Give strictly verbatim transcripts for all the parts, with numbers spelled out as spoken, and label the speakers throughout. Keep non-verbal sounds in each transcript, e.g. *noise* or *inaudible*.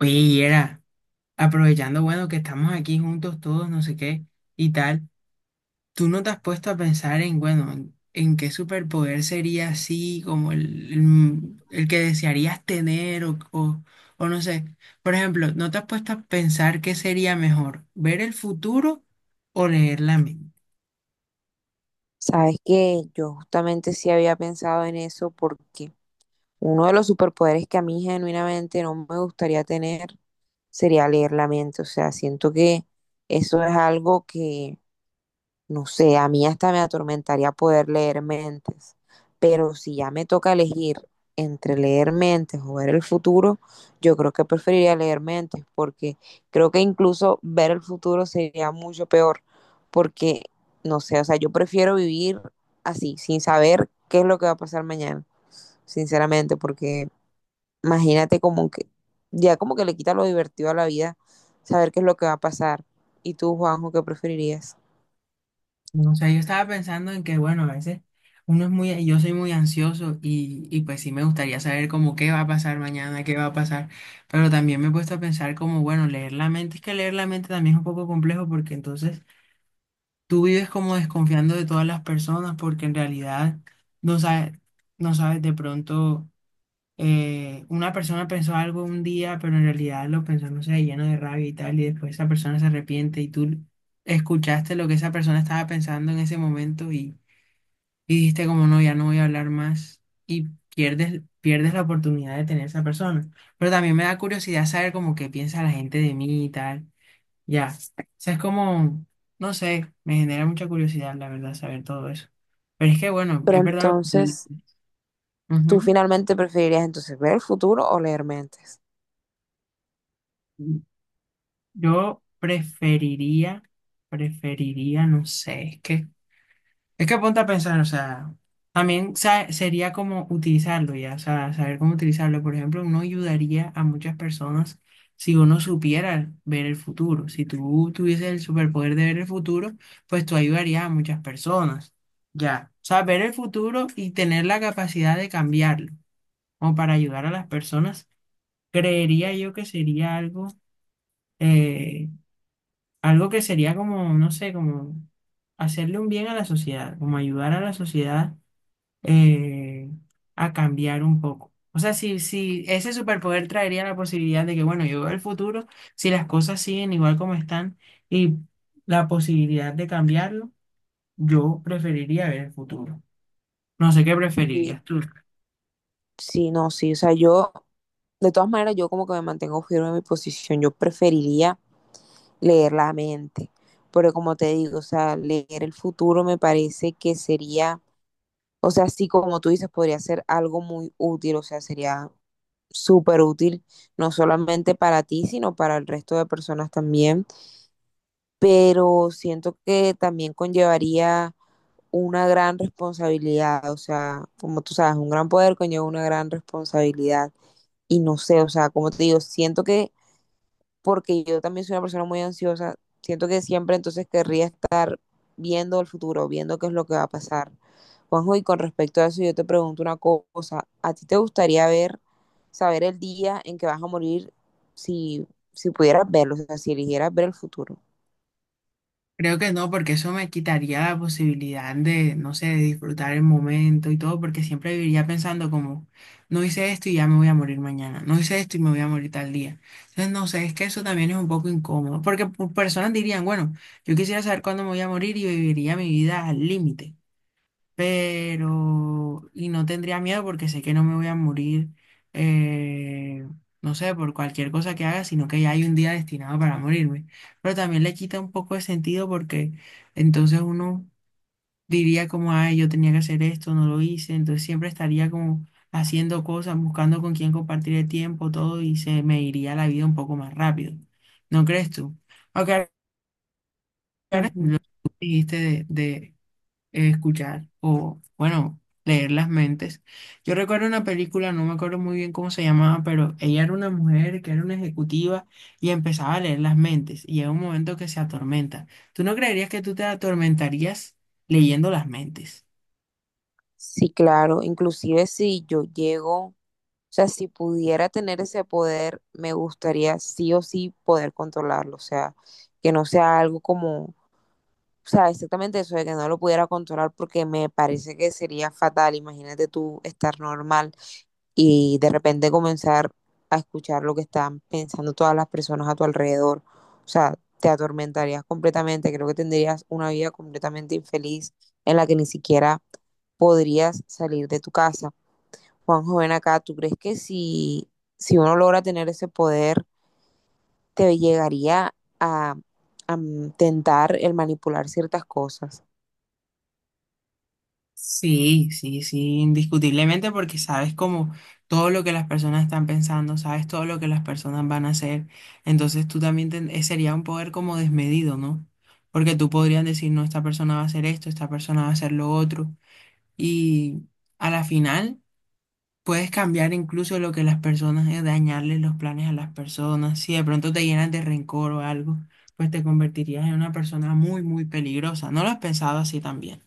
Speaker 1: Oye, y era, aprovechando, bueno, que estamos aquí juntos todos, no sé qué, y tal, ¿tú no te has puesto a pensar en, bueno, en, en qué superpoder sería así, como el, el, el que desearías tener o, o, o no sé? Por ejemplo, ¿no te has puesto a pensar qué sería mejor, ver el futuro o leer la mente?
Speaker 2: Sabes que yo justamente sí había pensado en eso porque uno de los superpoderes que a mí genuinamente no me gustaría tener sería leer la mente. O sea, siento que eso es algo que no sé, a mí hasta me atormentaría poder leer mentes, pero si ya me toca elegir entre leer mentes o ver el futuro, yo creo que preferiría leer mentes, porque creo que incluso ver el futuro sería mucho peor, porque, no sé, o sea, yo prefiero vivir así, sin saber qué es lo que va a pasar mañana, sinceramente, porque imagínate como que, ya como que le quita lo divertido a la vida, saber qué es lo que va a pasar. ¿Y tú, Juanjo, qué preferirías?
Speaker 1: No, o sea, yo estaba pensando en que, bueno, a veces uno es muy, yo soy muy ansioso y, y pues sí me gustaría saber como qué va a pasar mañana, qué va a pasar, pero también me he puesto a pensar como, bueno, leer la mente, es que leer la mente también es un poco complejo porque entonces tú vives como desconfiando de todas las personas porque en realidad no sabes, no sabes de pronto eh, una persona pensó algo un día, pero en realidad lo pensó, no sé, lleno de rabia y tal, y después esa persona se arrepiente y tú escuchaste lo que esa persona estaba pensando en ese momento y, y dijiste como no, ya no voy a hablar más y pierdes, pierdes la oportunidad de tener esa persona. Pero también me da curiosidad saber como qué piensa la gente de mí y tal. Ya, o sea, es como, no sé, me genera mucha curiosidad, la verdad, saber todo eso. Pero es que, bueno,
Speaker 2: Pero
Speaker 1: es verdad lo que
Speaker 2: entonces...
Speaker 1: tú-
Speaker 2: ¿Tú finalmente preferirías entonces ver el futuro o leer mentes?
Speaker 1: Ujú. Yo preferiría, preferiría, no sé, es que, es que ponte a pensar, o sea, también sa- sería como utilizarlo ya, o sea, saber cómo utilizarlo. Por ejemplo, uno ayudaría a muchas personas si uno supiera ver el futuro. Si tú tuvieses el superpoder de ver el futuro, pues tú ayudarías a muchas personas, ya. O sea, ver el futuro y tener la capacidad de cambiarlo, o para ayudar a las personas, creería yo que sería algo, eh, algo que sería como, no sé, como hacerle un bien a la sociedad, como ayudar a la sociedad, eh, a cambiar un poco. O sea, si, si ese superpoder traería la posibilidad de que, bueno, yo veo el futuro, si las cosas siguen igual como están y la posibilidad de cambiarlo, yo preferiría ver el futuro. No sé qué
Speaker 2: Sí,
Speaker 1: preferirías tú.
Speaker 2: sí, no, sí. O sea, yo, de todas maneras, yo como que me mantengo firme en mi posición. Yo preferiría leer la mente. Pero como te digo, o sea, leer el futuro me parece que sería, o sea, sí, como tú dices, podría ser algo muy útil, o sea, sería súper útil, no solamente para ti, sino para el resto de personas también. Pero siento que también conllevaría una gran responsabilidad, o sea, como tú sabes, un gran poder conlleva una gran responsabilidad. Y no sé, o sea, como te digo, siento que, porque yo también soy una persona muy ansiosa, siento que siempre entonces querría estar viendo el futuro, viendo qué es lo que va a pasar. Juanjo, y con respecto a eso, yo te pregunto una cosa, ¿a ti te gustaría ver, saber el día en que vas a morir si, si pudieras verlo, o sea, si eligieras ver el futuro?
Speaker 1: Creo que no, porque eso me quitaría la posibilidad de, no sé, de disfrutar el momento y todo, porque siempre viviría pensando como, no hice esto y ya me voy a morir mañana, no hice esto y me voy a morir tal día. Entonces, no sé, es que eso también es un poco incómodo, porque pu- personas dirían, bueno, yo quisiera saber cuándo me voy a morir y viviría mi vida al límite, pero y no tendría miedo porque sé que no me voy a morir, eh, no sé, por cualquier cosa que haga, sino que ya hay un día destinado para morirme. Pero también le quita un poco de sentido porque entonces uno diría como, ay, yo tenía que hacer esto, no lo hice, entonces siempre estaría como haciendo cosas, buscando con quién compartir el tiempo, todo, y se me iría la vida un poco más rápido. ¿No crees tú? Aunque ahora- ahora
Speaker 2: Ujú.
Speaker 1: lo que dijiste de, de eh, escuchar o, bueno, leer las mentes. Yo recuerdo una película, no me acuerdo muy bien cómo se llamaba, pero ella era una mujer que era una ejecutiva y empezaba a leer las mentes y llega un momento que se atormenta. ¿Tú no creerías que tú te atormentarías leyendo las mentes?
Speaker 2: Sí, claro, inclusive si yo llego. O sea, si pudiera tener ese poder, me gustaría sí o sí poder controlarlo. O sea, que no sea algo como, o sea, exactamente eso, de que no lo pudiera controlar porque me parece que sería fatal. Imagínate tú estar normal y de repente comenzar a escuchar lo que están pensando todas las personas a tu alrededor. O sea, te atormentarías completamente. Creo que tendrías una vida completamente infeliz en la que ni siquiera podrías salir de tu casa. Juanjo, ven acá, ¿tú crees que si, si uno logra tener ese poder, te llegaría a, a tentar el manipular ciertas cosas?
Speaker 1: Sí, sí, sí, indiscutiblemente, porque sabes como todo lo que las personas están pensando, sabes todo lo que las personas van a hacer, entonces tú también ten- eh, sería un poder como desmedido, ¿no? Porque tú podrías decir, no, esta persona va a hacer esto, esta persona va a hacer lo otro, y a la final puedes cambiar incluso lo que las personas, eh, dañarles los planes a las personas, si de pronto te llenas de rencor o algo, pues te convertirías en una persona muy, muy peligrosa, ¿no lo has pensado así también?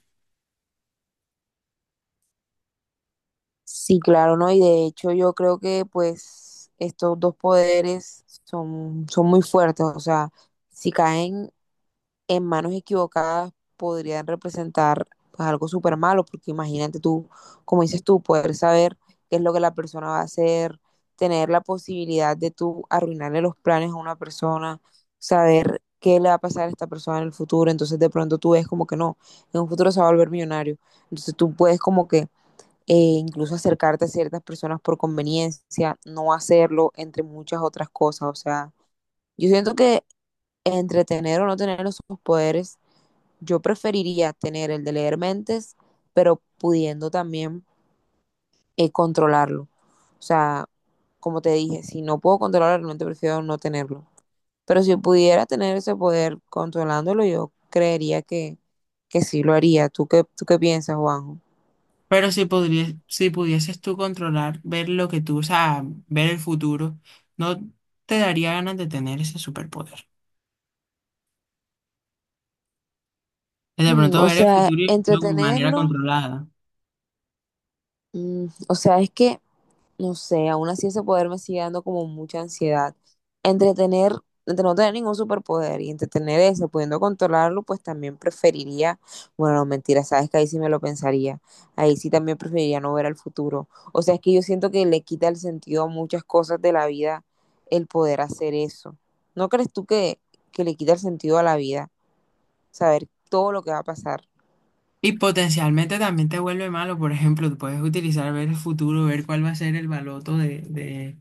Speaker 2: Sí, claro, ¿no? Y de hecho yo creo que pues estos dos poderes son, son muy fuertes, o sea, si caen en manos equivocadas podrían representar pues algo súper malo, porque imagínate tú, como dices tú, poder saber qué es lo que la persona va a hacer, tener la posibilidad de tú arruinarle los planes a una persona, saber qué le va a pasar a esta persona en el futuro, entonces de pronto tú ves como que no, en un futuro se va a volver millonario, entonces tú puedes como que eh, incluso acercarte a ciertas personas por conveniencia, no hacerlo, entre muchas otras cosas, o sea, yo siento que entre tener o no tener esos poderes yo preferiría tener el de leer mentes, pero pudiendo también eh, controlarlo. O sea, como te dije, si no puedo controlarlo, realmente prefiero no tenerlo. Pero si pudiera tener ese poder controlándolo, yo creería que, que sí lo haría. ¿Tú qué, tú qué piensas, Juanjo?
Speaker 1: Pero si podrías, si pudieses tú controlar, ver lo que tú, o sea, ver el futuro, ¿no te daría ganas de tener ese superpoder? De
Speaker 2: Mm,
Speaker 1: pronto
Speaker 2: O
Speaker 1: ver el
Speaker 2: sea,
Speaker 1: futuro y verlo de manera
Speaker 2: entretenerlo,
Speaker 1: controlada.
Speaker 2: mm, o sea, es que No sé, aún así ese poder me sigue dando como mucha ansiedad. Entre tener, entre no tener ningún superpoder y entre tener ese, pudiendo controlarlo, pues también preferiría, bueno, no, mentira, sabes que ahí sí me lo pensaría. Ahí sí también preferiría no ver al futuro. O sea, es que yo siento que le quita el sentido a muchas cosas de la vida el poder hacer eso. ¿No crees tú que, que le quita el sentido a la vida saber todo lo que va a pasar?
Speaker 1: Y potencialmente también te vuelve malo. Por ejemplo, tú puedes utilizar ver el futuro, ver cuál va a ser el baloto de, de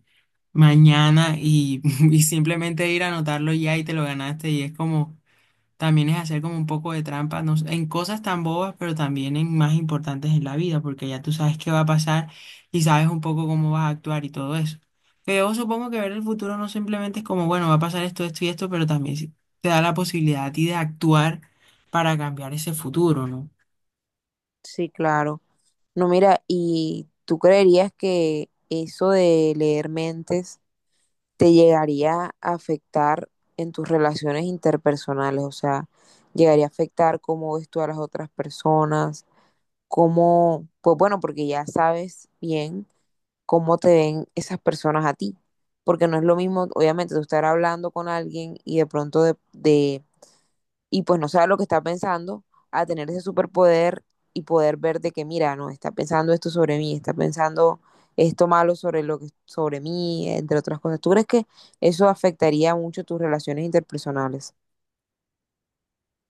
Speaker 1: mañana y, *laughs* y simplemente ir a anotarlo ya y te lo ganaste y es como... También es hacer como un poco de trampa, no sé, en cosas tan bobas, pero también en más importantes en la vida, porque ya tú sabes qué va a pasar y sabes un poco cómo vas a actuar y todo eso. Pero yo supongo que ver el futuro no simplemente es como, bueno, va a pasar esto, esto y esto, pero también sí te da la posibilidad a ti de actuar para cambiar ese futuro, ¿no?
Speaker 2: Sí, claro. No, mira, ¿y tú creerías que eso de leer mentes te llegaría a afectar en tus relaciones interpersonales, o sea, llegaría a afectar cómo ves tú a las otras personas, cómo, pues bueno, porque ya sabes bien cómo te ven esas personas a ti, porque no es lo mismo, obviamente, tú estar hablando con alguien y de pronto de, de y pues no sabe lo que está pensando, a tener ese superpoder y poder ver de que, mira, no, está pensando esto sobre mí, está pensando esto malo sobre lo que sobre mí, entre otras cosas. ¿Tú crees que eso afectaría mucho tus relaciones interpersonales?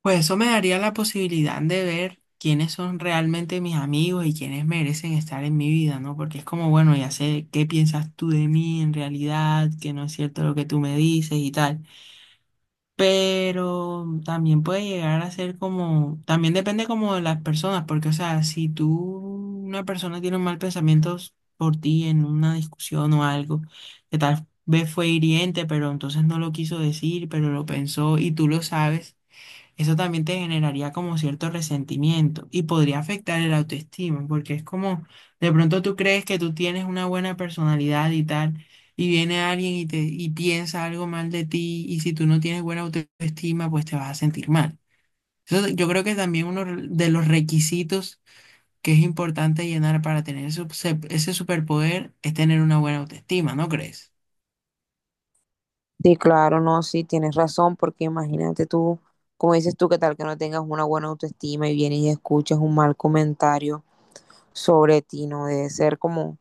Speaker 1: Pues eso me daría la posibilidad de ver quiénes son realmente mis amigos y quiénes merecen estar en mi vida, ¿no? Porque es como, bueno, ya sé qué piensas tú de mí en realidad, que no es cierto lo que tú me dices y tal. Pero también puede llegar a ser como, también depende como de las personas, porque o sea, si tú, una persona tiene un mal pensamiento por ti en una discusión o algo, que tal vez fue hiriente, pero entonces no lo quiso decir, pero lo pensó y tú lo sabes, eso también te generaría como cierto resentimiento y podría afectar el autoestima, porque es como de pronto tú crees que tú tienes una buena personalidad y tal, y viene alguien y te y piensa algo mal de ti, y si tú no tienes buena autoestima, pues te vas a sentir mal. Eso, yo creo que también uno de los requisitos que es importante llenar para tener ese, ese, superpoder es tener una buena autoestima, ¿no crees?
Speaker 2: Sí, claro, no, sí, tienes razón, porque imagínate tú, como dices tú, que tal que no tengas una buena autoestima y vienes y escuchas un mal comentario sobre ti, no debe ser como,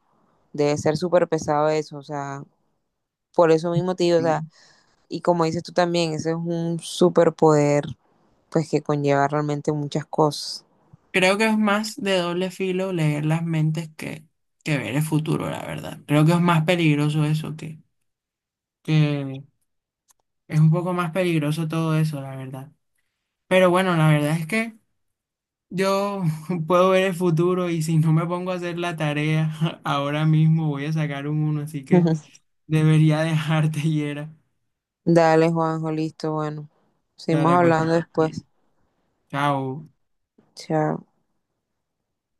Speaker 2: debe ser súper pesado eso, o sea, por eso mismo te digo, o sea, Y como dices tú también, ese es un superpoder, pues que conlleva realmente muchas cosas.
Speaker 1: Creo que es más de doble filo leer las mentes que, que ver el futuro, la verdad. Creo que es más peligroso eso, que, que es un poco más peligroso todo eso, la verdad. Pero bueno, la verdad es que yo *laughs* puedo ver el futuro y si no me pongo a hacer la tarea *laughs* ahora mismo voy a sacar un uno, así que
Speaker 2: *laughs*
Speaker 1: debería *laughs* dejarte, Yera.
Speaker 2: Dale, Juanjo, listo, bueno. Seguimos
Speaker 1: Dale, pues.
Speaker 2: hablando después.
Speaker 1: Chao.
Speaker 2: Chao.